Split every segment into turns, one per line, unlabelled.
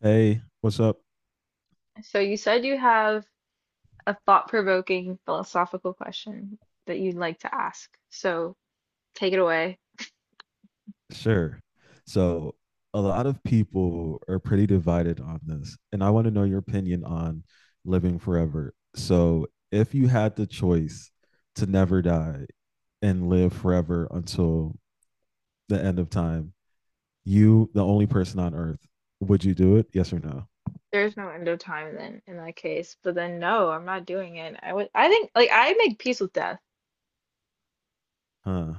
Hey, what's up?
So you said you have a thought-provoking philosophical question that you'd like to ask. So take it away.
Sure. So, a lot of people are pretty divided on this, and I want to know your opinion on living forever. So, if you had the choice to never die and live forever until the end of time, you, the only person on earth, would you do it? Yes or no?
There's no end of time then, in that case. But then no, I'm not doing it. I think like I make peace with death.
Huh.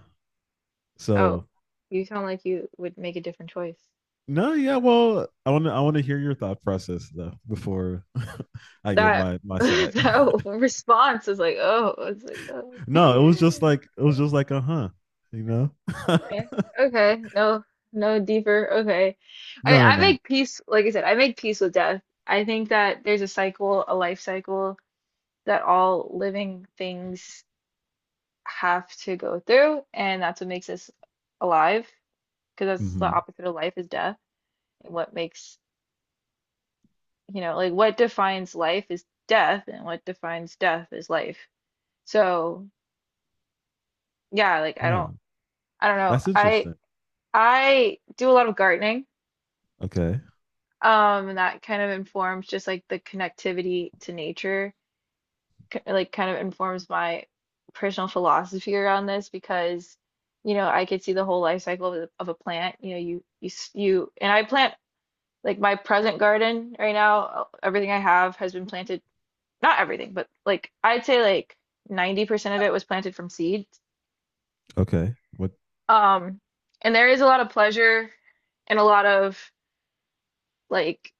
Oh,
So,
you sound like you would make a different choice.
no, yeah, well, I want to hear your thought process though before I give
That
my my side.
that response is like, oh, it's like, oh.
No, it was just like it was just like a huh, you know.
Okay. Okay. No, no deeper. Okay. I mean,
No, no,
I
no.
make peace, like I said, I make peace with death. I think that there's a cycle, a life cycle that all living things have to go through, and that's what makes us alive, because that's the
Hmm.
opposite of life is death. And what makes, like what defines life is death, and what defines death is life. So, yeah, like I don't
Oh,
I don't know.
that's
I
interesting.
I do a lot of gardening.
Okay,
And that kind of informs just like the connectivity to nature, like kind of informs my personal philosophy around this because, I could see the whole life cycle of, of a plant. You you and I plant like my present garden right now. Everything I have has been planted, not everything, but like I'd say like 90% of it was planted from seed.
okay. What
Um, and there is a lot of pleasure and a lot of like,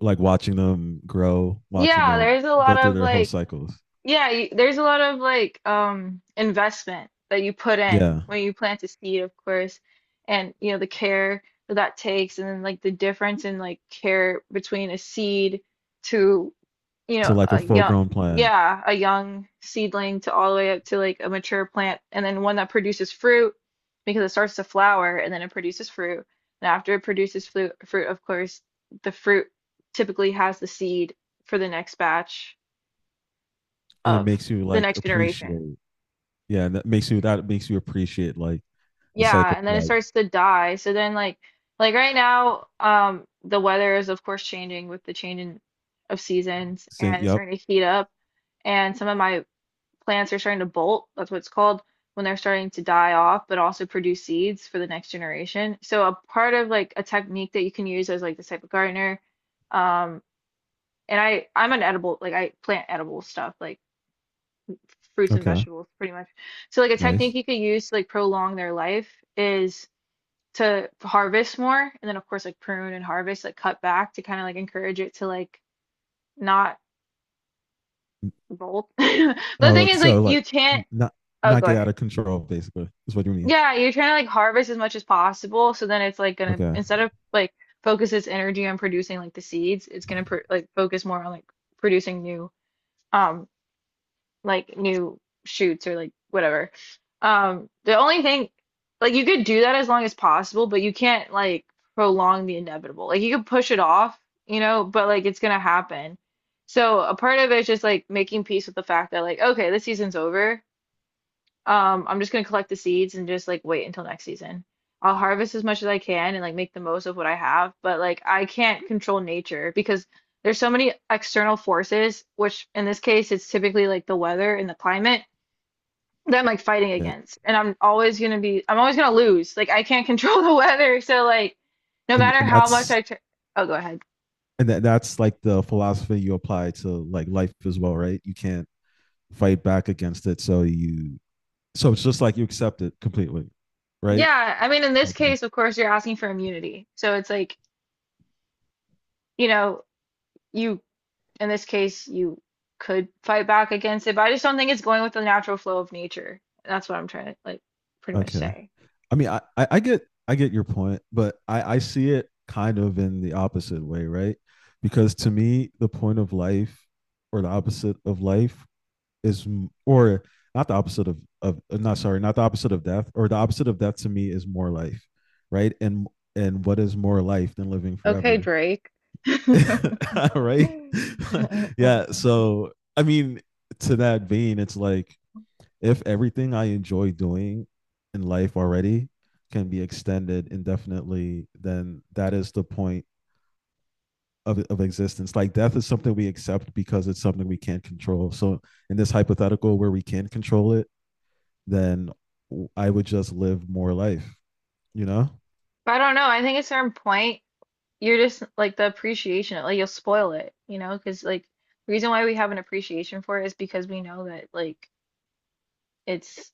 like watching them grow, watching
yeah, there
them
is a
go
lot
through
of
their whole
like,
cycles.
yeah, you, there's a lot of like investment that you put in
Yeah,
when you plant a seed, of course, and you know the care that takes, and then like the difference in like care between a seed to you
to
know
like a
a
full
young
grown plant,
yeah a young seedling to all the way up to like a mature plant, and then one that produces fruit because it starts to flower and then it produces fruit, and after it produces fruit, fruit of course the fruit typically has the seed for the next batch
and it
of
makes you
the
like
next generation.
appreciate. Yeah, and that makes you appreciate like the
Yeah,
cycle
and
of
then it
life.
starts to die. So then like right now, the weather is of course changing with the change in of seasons
Say,
and it's
yep.
starting to heat up and some of my plants are starting to bolt. That's what it's called when they're starting to die off, but also produce seeds for the next generation. So a part of like a technique that you can use as like this type of gardener, um, and I'm an edible like I plant edible stuff like fruits and
Okay.
vegetables pretty much. So like a technique
Nice.
you could use to like prolong their life is to harvest more and then of course like prune and harvest like cut back to kind of like encourage it to like not
Mm.
bolt. But the
Oh,
thing is like
so like
you can't
not
oh,
not
go
get out
ahead.
of control basically is what you mean.
Yeah, you're trying to like harvest as much as possible so then it's like gonna
Okay.
instead of like focus its energy on producing like the seeds, it's gonna pr like focus more on like producing new um like new shoots or like whatever. The only thing, like you could do that as long as possible, but you can't like prolong the inevitable. Like you could push it off, but like it's gonna happen. So a part of it is just like making peace with the fact that like, okay, this season's over. I'm just gonna collect the seeds and just like wait until next season. I'll harvest as much as I can and like make the most of what I have, but like I can't control nature because there's so many external forces, which in this case it's typically like the weather and the climate that I'm like fighting
Okay.
against. And I'm always gonna lose. Like I can't control the weather, so like no
And
matter
and
how much
that's
I tr. Oh, go ahead.
and that, that's like the philosophy you apply to like life as well, right? You can't fight back against it, so you, so it's just like you accept it completely, right?
Yeah, I mean, in this
Okay.
case, of course, you're asking for immunity. So it's like, you know, you, in this case, you could fight back against it, but I just don't think it's going with the natural flow of nature. That's what I'm trying to like pretty much
Okay.
say.
I mean, I get I get your point, but I see it kind of in the opposite way, right? Because to me, the point of life or the opposite of life is, or not the opposite of not, sorry, not the opposite of death, or the opposite of death to me is more life, right? And what is more life than living
Okay,
forever?
Drake.
Right? Yeah, so I mean, to that vein, it's like if everything I enjoy doing in life already can be extended indefinitely, then that is the point of existence. Like death is something we accept because it's something we can't control. So in this hypothetical where we can control it, then I would just live more life, you know?
But I don't know. I think at a certain point, you're just like the appreciation, like you'll spoil it, because like the reason why we have an appreciation for it is because we know that like it's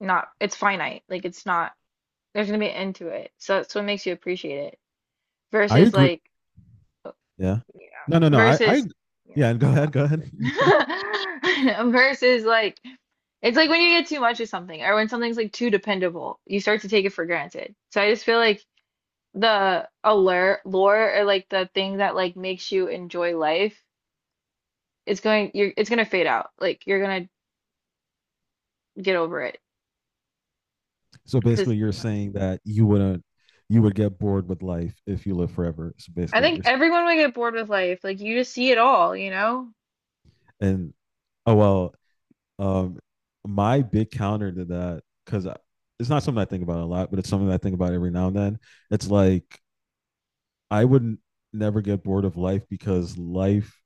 not, it's finite, like it's not, there's gonna be an end to it. So that's what makes you appreciate it
I
versus
agree.
like, uh,
Yeah. No, no, no.
versus, you
Yeah.
know.
Go ahead. Go ahead.
Versus like it's like when you get too much of something or when something's like too dependable, you start to take it for granted. So I just feel like the allure, lore or like the thing that like makes you enjoy life, it's going you're it's gonna fade out. Like you're gonna get over it
So
because
basically,
it's
you're
too much.
saying that you wouldn't, you would get bored with life if you live forever. So
I
basically, what
think
you're saying.
everyone would get bored with life. Like you just see it all, you know?
And oh well, Um, my big counter to that, because it's not something I think about a lot, but it's something that I think about every now and then. It's like I would never get bored of life because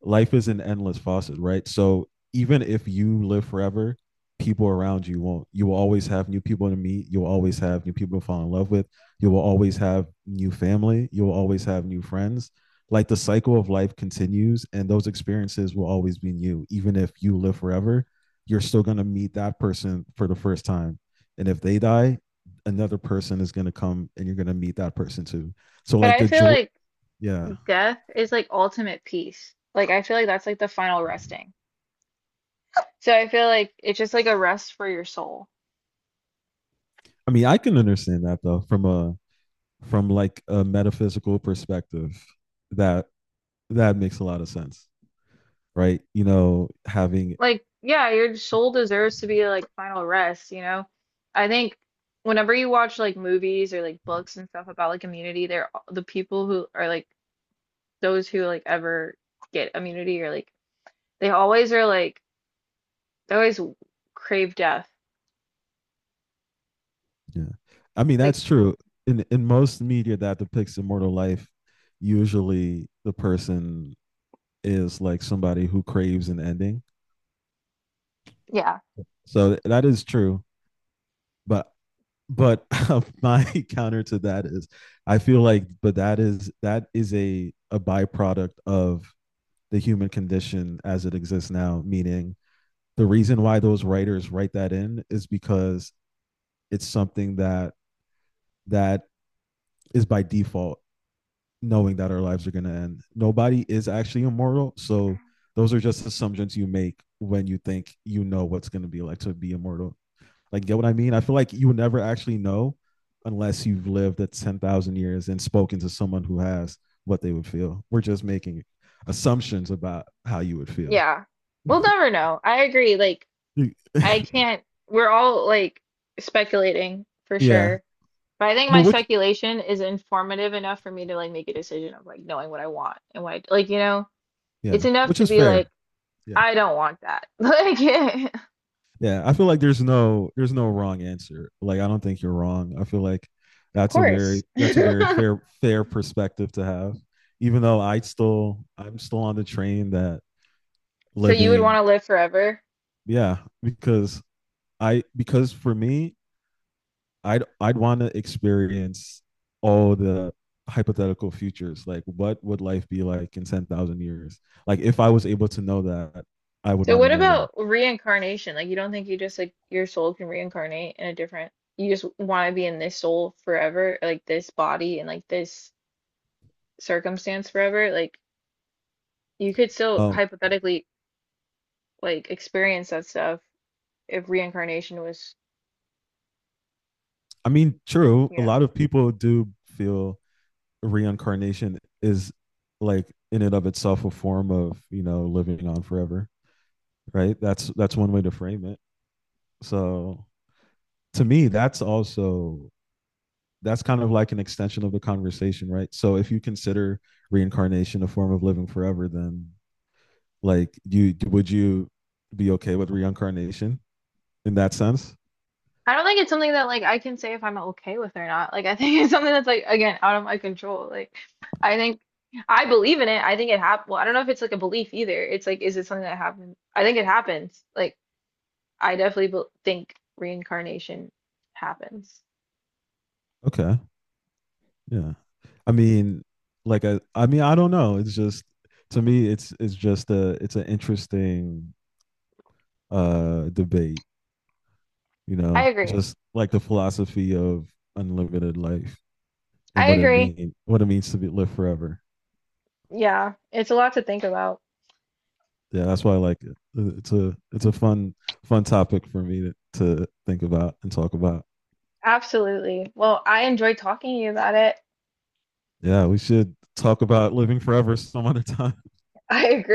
life is an endless faucet, right? So even if you live forever, people around you won't. You will always have new people to meet. You'll always have new people to fall in love with. You will always have new family. You will always have new friends. Like the cycle of life continues, and those experiences will always be new. Even if you live forever, you're still going to meet that person for the first time. And if they die, another person is going to come and you're going to meet that person too. So,
But
like
I
the
feel
joy,
like
yeah.
death is like ultimate peace. Like I feel like that's like the final resting. So I feel like it's just like a rest for your soul.
I mean, I can understand that though from a, from like a metaphysical perspective that that makes a lot of sense, right? You know, having,
Like, yeah, your soul deserves to be like final rest, you know. I think whenever you watch like movies or like books and stuff about like immunity, they're the people who are like those who like ever get immunity or like they always are like they always crave death.
yeah, I mean
Like,
that's true. In most media that depicts immortal life, usually the person is like somebody who craves an ending,
yeah,
so that is true, but but my counter to that is I feel like, but that is, that is a byproduct of the human condition as it exists now, meaning the reason why those writers write that in is because it's something that, that is by default, knowing that our lives are going to end, nobody is actually immortal, so those are just assumptions you make when you think you know what's going to be like to be immortal. Like, get what I mean? I feel like you would never actually know unless you've lived at 10,000 years and spoken to someone who has what they would feel. We're just making assumptions about how you would feel.
yeah, we'll never know. I agree. Like, I can't, we're all like speculating for
Yeah.
sure. But I think
Well,
my
which,
speculation is informative enough for me to like make a decision of like knowing what I want and what I, like you know. It's
yeah,
enough
which
to
is
be like,
fair. Yeah.
I don't want that. Like, yeah,
Yeah. I feel like there's no wrong answer. Like, I don't think you're wrong. I feel like
of course.
that's a very fair, fair perspective to have. Even though I still, I'm still on the train that
So you would want
living,
to live forever.
yeah, because I, because for me, I'd want to experience all the hypothetical futures. Like, what would life be like in 10,000 years? Like, if I was able to know that, I would
So
want to
what
know that.
about reincarnation? Like, you don't think you just like your soul can reincarnate in a different, you just want to be in this soul forever, like this body and like this circumstance forever? Like, you could still
Um,
hypothetically like experience that stuff if reincarnation was,
I mean, true.
you
A lot
know.
of people do feel reincarnation is like in and of itself a form of, you know, living on forever, right? That's one way to frame it. So to me, that's also, that's kind of like an extension of the conversation, right? So if you consider reincarnation a form of living forever, then like you would, you be okay with reincarnation in that sense?
I don't think it's something that like I can say if I'm okay with it or not. Like I think it's something that's like again out of my control. Like I think I believe in it. I think it happened. Well, I don't know if it's like a belief either. It's like is it something that happened? I think it happens. Like I definitely bel think reincarnation happens.
Okay. Yeah. I mean, like I mean, I don't know. It's just, to me it's just a, it's an interesting debate, you
I
know,
agree.
just like the philosophy of unlimited life and
I
what it
agree.
mean what it means to be live forever.
Yeah, it's a lot to think about.
Yeah, that's why I like it. It's a, it's a fun fun topic for me to think about and talk about.
Absolutely. Well, I enjoyed talking to you about it.
Yeah, we should talk about living forever some other time.
I agree.